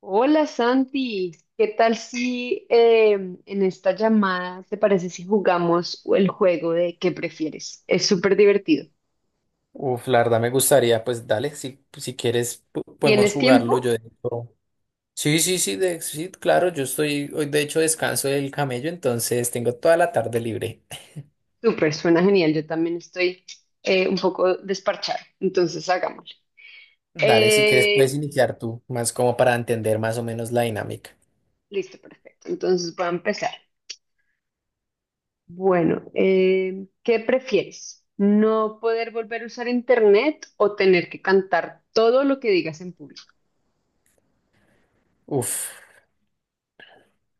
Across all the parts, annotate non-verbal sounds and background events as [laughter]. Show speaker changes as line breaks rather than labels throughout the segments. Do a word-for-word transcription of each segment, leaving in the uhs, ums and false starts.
Hola Santi, ¿qué tal si eh, en esta llamada te parece si jugamos el juego de qué prefieres? Es súper divertido.
Uf, la verdad me gustaría, pues dale, si, si quieres po- podemos
¿Tienes
jugarlo. Yo
tiempo?
de hecho- Sí, sí, sí, de- sí, claro, yo estoy, hoy de hecho descanso del camello, entonces tengo toda la tarde libre.
Súper, suena genial. Yo también estoy eh, un poco desparchada, entonces hagámoslo.
Dale, si quieres puedes
Eh,
iniciar tú, más como para entender más o menos la dinámica.
listo, perfecto. Entonces voy a empezar. Bueno, eh, ¿qué prefieres? ¿No poder volver a usar internet o tener que cantar todo lo que digas en público?
Uf,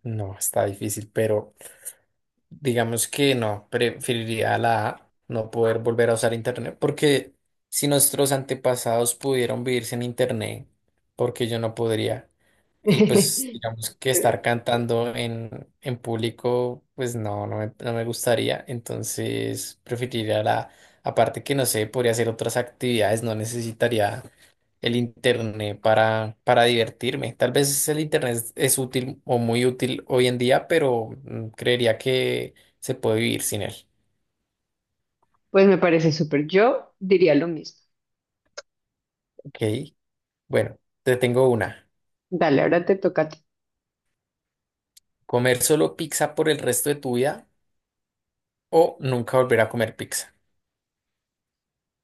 no, está difícil, pero digamos que no, preferiría la A, no poder volver a usar Internet, porque si nuestros antepasados pudieron vivir sin Internet, ¿porque yo no podría? Y pues
[laughs]
digamos que estar cantando en, en público, pues no, no me, no me gustaría, entonces preferiría la. Aparte que no sé, podría hacer otras actividades, no necesitaría el internet para, para divertirme. Tal vez el internet es, es útil o muy útil hoy en día, pero mm, creería que se puede vivir sin él.
Pues me parece súper. Yo diría lo mismo.
Ok, bueno, te tengo una.
Dale, ahora te toca a ti.
¿Comer solo pizza por el resto de tu vida o nunca volver a comer pizza?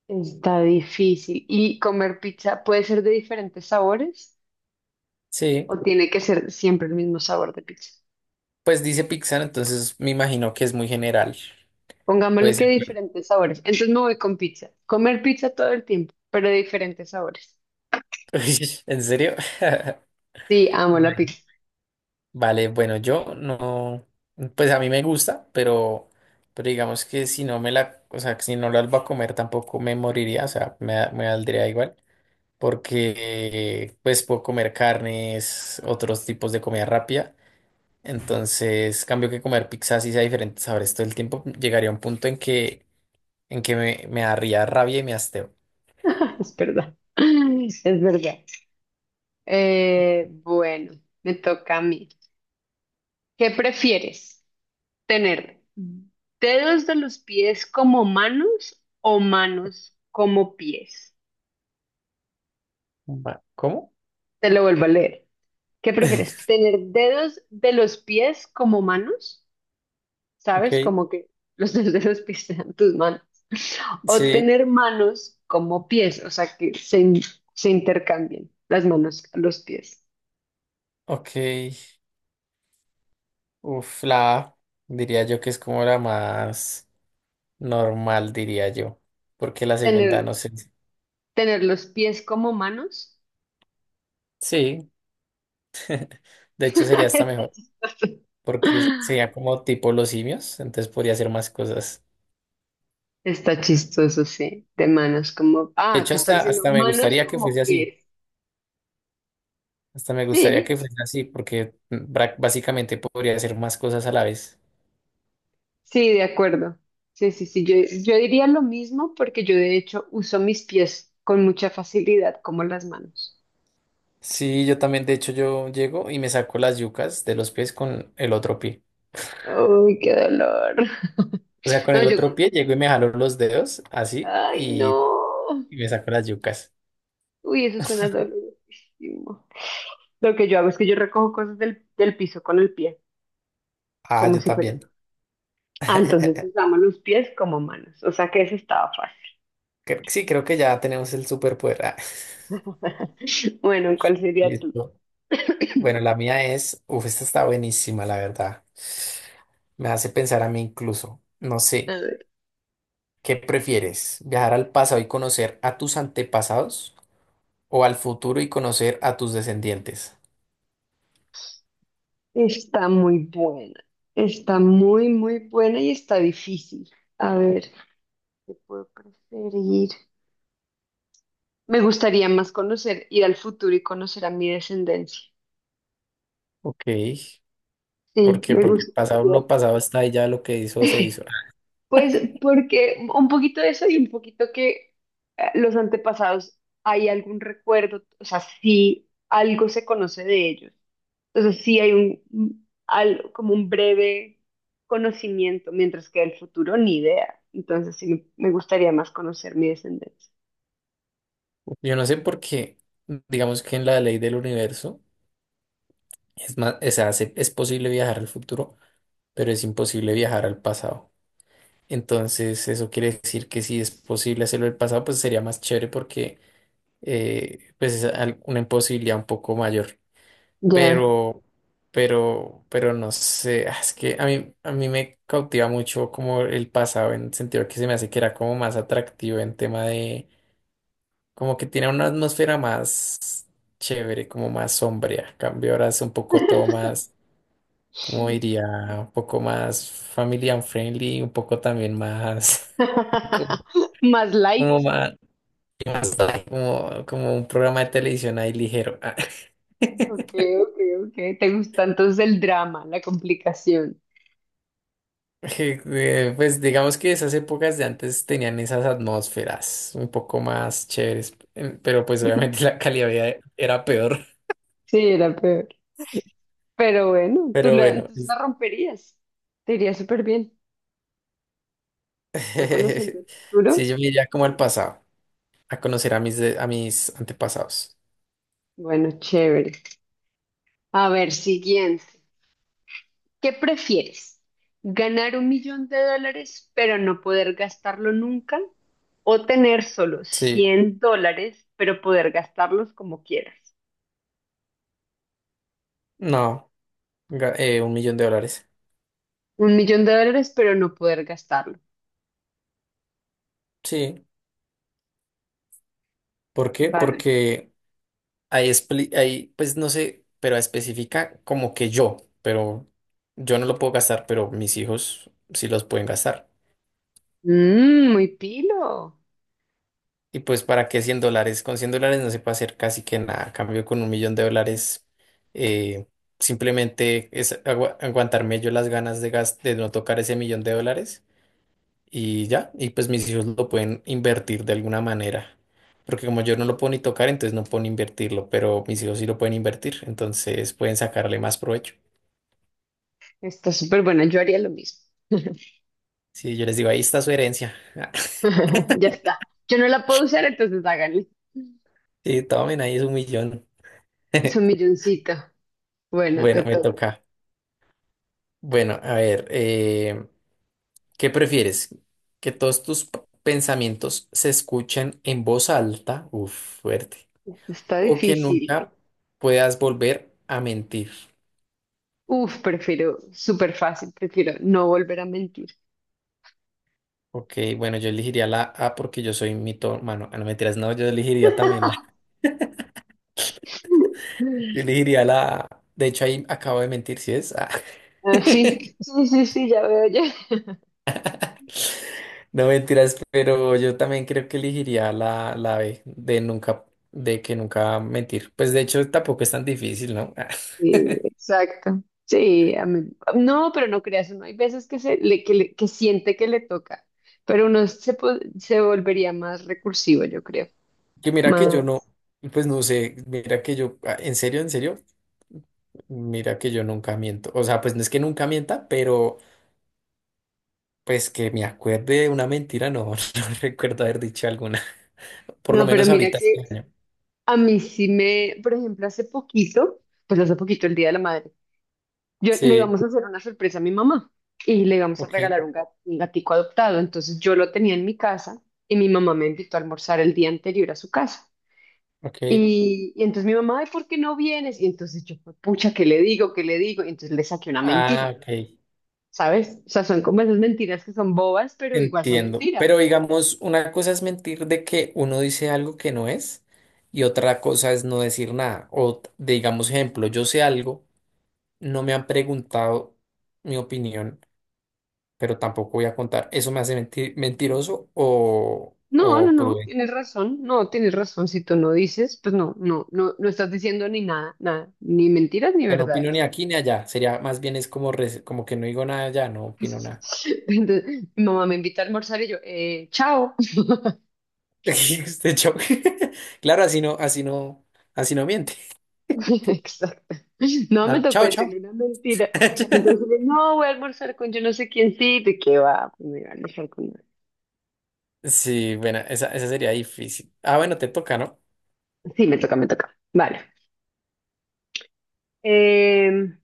Está difícil. ¿Y comer pizza puede ser de diferentes sabores
Sí,
o tiene que ser siempre el mismo sabor de pizza?
pues dice pizza, entonces me imagino que es muy general. Puede
Pongámosle
ser.
que diferentes sabores. Entonces me voy con pizza. Comer pizza todo el tiempo, pero de diferentes sabores.
[laughs] ¿En serio? [laughs]
Sí, amo la
Bueno.
pizza.
Vale, bueno, yo no, pues a mí me gusta, pero, pero digamos que si no me la, o sea, que si no la albo a comer tampoco me moriría, o sea, me, da- me valdría igual, porque pues puedo comer carnes, otros tipos de comida rápida, entonces cambio que comer pizzas y sea diferentes sabores todo el tiempo, llegaría a un punto en que, en que me, me daría rabia y me hasteo.
[laughs] Es verdad. [laughs] Es verdad. Eh, bueno, me toca a mí. ¿Qué prefieres? Tener dedos de los pies como manos o manos como pies.
Va- ¿Cómo?
Te lo vuelvo a leer. ¿Qué prefieres?
[laughs]
¿Tener dedos de los pies como manos?
Ok,
¿Sabes? Como que los [laughs] dedos de los pies sean tus manos. O
sí,
tener manos como pies, o sea, que se, in- se intercambien las manos a los pies.
ok, uf, la A, diría yo que es como la más normal, diría yo, porque la segunda
Tener,
no sé.
tener los pies como manos.
Sí, de
[laughs]
hecho sería hasta
Está
mejor,
chistoso.
porque sería como tipo los simios, entonces podría hacer más cosas.
Está chistoso, sí, de manos como...
De
Ah,
hecho,
tú estás
hasta,
diciendo
hasta me
manos
gustaría que
como
fuese así,
pies.
hasta me gustaría
Sí,
que fuese así, porque mm, bra- básicamente podría hacer más cosas a la vez.
sí, de acuerdo. Sí, sí, sí, yo, yo diría lo mismo porque yo de hecho uso mis pies con mucha facilidad como las manos.
Sí, yo también, de hecho, yo llego y me saco las yucas de los pies con el otro pie.
Uy, qué dolor.
O
[laughs]
sea, con
No,
el
yo...
otro pie llego y me jalo los dedos así
Ay, no.
y, y me saco las yucas.
Uy, eso suena dolorísimo. Lo que yo hago es que yo recojo cosas del, del piso con el pie,
Ah,
como
yo
si fuera una...
también.
Ah,
[laughs]
entonces usamos los pies como manos, o sea que eso estaba fácil.
Cre- Sí, creo que ya tenemos el superpoder. [laughs]
[laughs] Bueno, ¿cuál sería tú?
Listo. Bueno, la mía es, uf, esta está buenísima, la verdad. Me hace pensar a mí incluso. No
A
sé,
ver,
¿qué prefieres? ¿Viajar al pasado y conocer a tus antepasados o al futuro y conocer a tus descendientes?
está muy buena. Está muy, muy buena y está difícil. A ver, ¿qué puedo preferir? Me gustaría más conocer, ir al futuro y conocer a mi descendencia.
Ok, ¿por
Sí,
qué?
me
Porque el pasado,
gustaría.
lo pasado está ahí, ya lo que hizo se hizo.
[laughs] Pues porque un poquito de eso y un poquito que eh, los antepasados, hay algún recuerdo, o sea, sí, algo se conoce de ellos. Entonces sí hay un, al- como un breve conocimiento, mientras que el futuro ni idea. Entonces sí me me gustaría más conocer mi descendencia.
Yo no sé por qué, digamos que en la ley del universo es más, es, hace- es posible viajar al futuro, pero es imposible viajar al pasado. Entonces, eso quiere decir que si es posible hacerlo el pasado, pues sería más chévere porque eh, pues es al- una imposibilidad un poco mayor.
Ya.
Pero, pero, pero no sé, ah, es que a mí, a mí me cautiva mucho como el pasado en el sentido que se me hace que era como más atractivo en tema de, como que tiene una atmósfera más chévere, como más sombría. En cambio ahora es un poco todo
[laughs]
más, como diría, un poco más family and friendly, un poco también más. [laughs]
Más light.
Como más, ¿qué más da? Como, como un programa de televisión ahí ligero. Ah.
Ok,
[laughs]
ok, ok. Te gusta entonces el drama, la complicación.
Eh, Pues digamos que esas épocas de antes tenían esas atmósferas un poco más chéveres, eh, pero pues obviamente [laughs]
[laughs]
la calidad de vida era peor.
Sí, era peor. Pero bueno, tú
Pero
la,
bueno,
entonces
es-
la romperías. Te iría súper bien. Ya conociendo
[laughs]
el
sí,
futuro.
yo me iría como al pasado, a conocer a mis, de- a mis antepasados.
Bueno, chévere. A ver, siguiente. ¿Qué prefieres? ¿Ganar un millón de dólares pero no poder gastarlo nunca? ¿O tener solo
Sí,
cien dólares pero poder gastarlos como quieras?
no, ga- eh, un millón de dólares.
Un millón de dólares pero no poder gastarlo.
Sí, ¿por qué?
Vale.
Porque Ahí, expli- ahí, pues no sé, pero especifica como que yo, pero yo no lo puedo gastar, pero mis hijos sí los pueden gastar.
Mm, muy pilo.
Y pues para qué cien dólares, con cien dólares no se puede hacer casi que nada. A cambio con un millón de dólares, eh, simplemente es agua- aguantarme yo las ganas de, gas- de no tocar ese millón de dólares y ya, y pues mis hijos lo pueden invertir de alguna manera. Porque como yo no lo puedo ni tocar, entonces no puedo ni invertirlo, pero mis hijos sí lo pueden invertir, entonces pueden sacarle más provecho.
Está súper buena. Yo haría lo mismo. [laughs]
Sí, yo les digo, ahí está su herencia. [laughs]
Ya está. Yo no la puedo usar, entonces háganle.
Sí, tomen, ahí es un millón.
Es un
[laughs]
milloncito. Bueno, te
Bueno, me
toca.
toca. Bueno, a ver, eh, ¿qué prefieres? ¿Que todos tus p- pensamientos se escuchen en voz alta? Uf, fuerte.
Está
¿O que
difícil.
nunca puedas volver a mentir?
Uf, prefiero, súper fácil, prefiero no volver a mentir.
Ok, bueno, yo elegiría la A porque yo soy mitómano. Ah, no, mentiras, no, yo elegiría también la.
[laughs]
[laughs] Yo elegiría la A. De hecho, ahí acabo de mentir, ¿sí es? Ah.
Ah, sí,
[laughs]
sí, sí, sí, ya veo ya. [laughs]
No mentiras, pero yo también creo que elegiría la, la B de nunca, de que nunca mentir. Pues de hecho tampoco es tan difícil, ¿no? [laughs]
Sí, exacto. Sí, a mí... No, pero no creas, uno hay veces que, se, le, que, le- que siente que le toca, pero uno se, po- se volvería más recursivo, yo creo.
Que mira que
Más.
yo no, pues no sé, mira que yo, ah, en serio, en serio, mira que yo nunca miento. O sea, pues no es que nunca mienta, pero pues que me acuerde de una mentira, no, [laughs] no recuerdo haber dicho alguna. Por lo
No, pero
menos
mira
ahorita este
que
año.
a mí sí me, por ejemplo, hace poquito, pues hace poquito el Día de la Madre, yo le
Sí,
íbamos a hacer una sorpresa a mi mamá y le íbamos a
ok,
regalar un, gat- un gatico adoptado, entonces yo lo tenía en mi casa y mi mamá me invitó a almorzar el día anterior a su casa.
ok.
Y, y entonces mi mamá, "Ay, ¿por qué no vienes?" Y entonces yo, pucha, ¿qué le digo? ¿Qué le digo? Y entonces le saqué una mentira,
Ah, ok.
¿sabes? O sea, son como esas mentiras que son bobas, pero igual son
Entiendo, pero
mentiras.
digamos, una cosa es mentir de que uno dice algo que no es y otra cosa es no decir nada. O t- digamos, ejemplo, yo sé algo, no me han preguntado mi opinión, pero tampoco voy a contar. ¿Eso me hace mentir, mentiroso o,
No, no,
o
no,
prudente?
tienes razón, no, tienes razón. Si tú no dices, pues no, no, no, no estás diciendo ni nada, nada, ni mentiras ni
O sea, no opino ni
verdades.
aquí ni allá. Sería más bien es como, res- como que no digo nada allá, no opino nada.
[laughs] Entonces, mi mamá me invita a almorzar y yo, eh, chao.
[laughs] Este show. [laughs] Claro, así no, así no, así no miente.
[laughs] Exacto. No, me
Ah,
tocó
chao, chao.
decirle una mentira. Me tocó
[laughs]
decirle, no, voy a almorzar con yo no sé quién sí, ¿de qué va? Pues me iba a almorzar con...
Sí, bueno, esa, esa sería difícil. Ah, bueno, te toca, ¿no?
Sí, me toca, me toca. Vale. Em,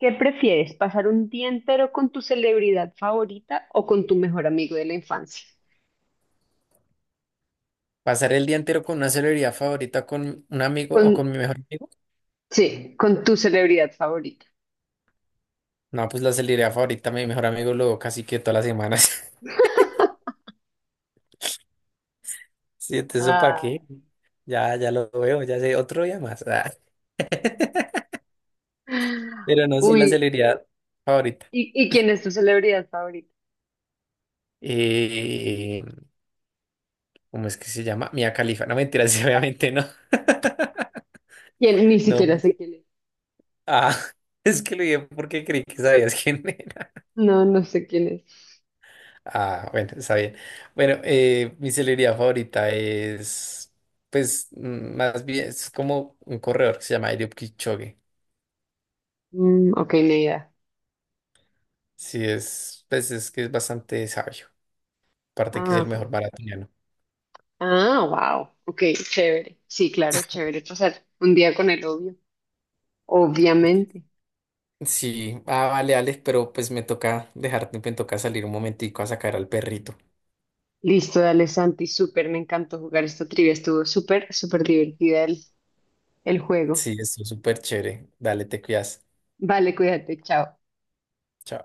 ¿Qué prefieres? ¿Pasar un día entero con tu celebridad favorita o con tu mejor amigo de la infancia?
Pasar el día entero con una celebridad favorita, con un amigo
Con,
o con mi mejor amigo.
sí, con tu celebridad favorita.
No, pues la celebridad favorita, mi mejor amigo, lo casi que todas las semanas. [laughs] Sí, entonces, ¿eso para
Ah.
qué? Ya, ya lo veo, ya sé, otro día más. Ah. [laughs] Pero no, sí, la
Uy,
celebridad favorita.
¿y, y quién es tu celebridad favorita?
Eh, ¿cómo es que se llama? Mia Khalifa. No, mentiras, [laughs] obviamente no.
¿Quién? Ni
No,
siquiera
me-
sé quién es.
ah, [laughs] es que lo dije porque creí que sabías quién.
No, no sé quién es.
Ah, bueno, está bien. Bueno, eh, mi celebridad favorita es, pues, mm, más bien, es como un corredor que se llama Eliud Kipchoge.
Mm, ok, ni idea.
Sí, es, pues, es que es bastante sabio. Aparte que es
Ah,
el
ok.
mejor maratoniano.
Ah, wow. Ok, chévere. Sí, claro, chévere pasar un día con el obvio. Obviamente.
Sí, ah, vale, Alex, pero pues me toca dejarte, me toca salir un momentico a sacar al perrito.
Listo, dale Santi, súper, me encantó jugar esta trivia, estuvo súper, súper divertida el, el juego.
Sí, es súper chévere. Dale, te cuidas.
Vale, cuídate, chao.
Chao.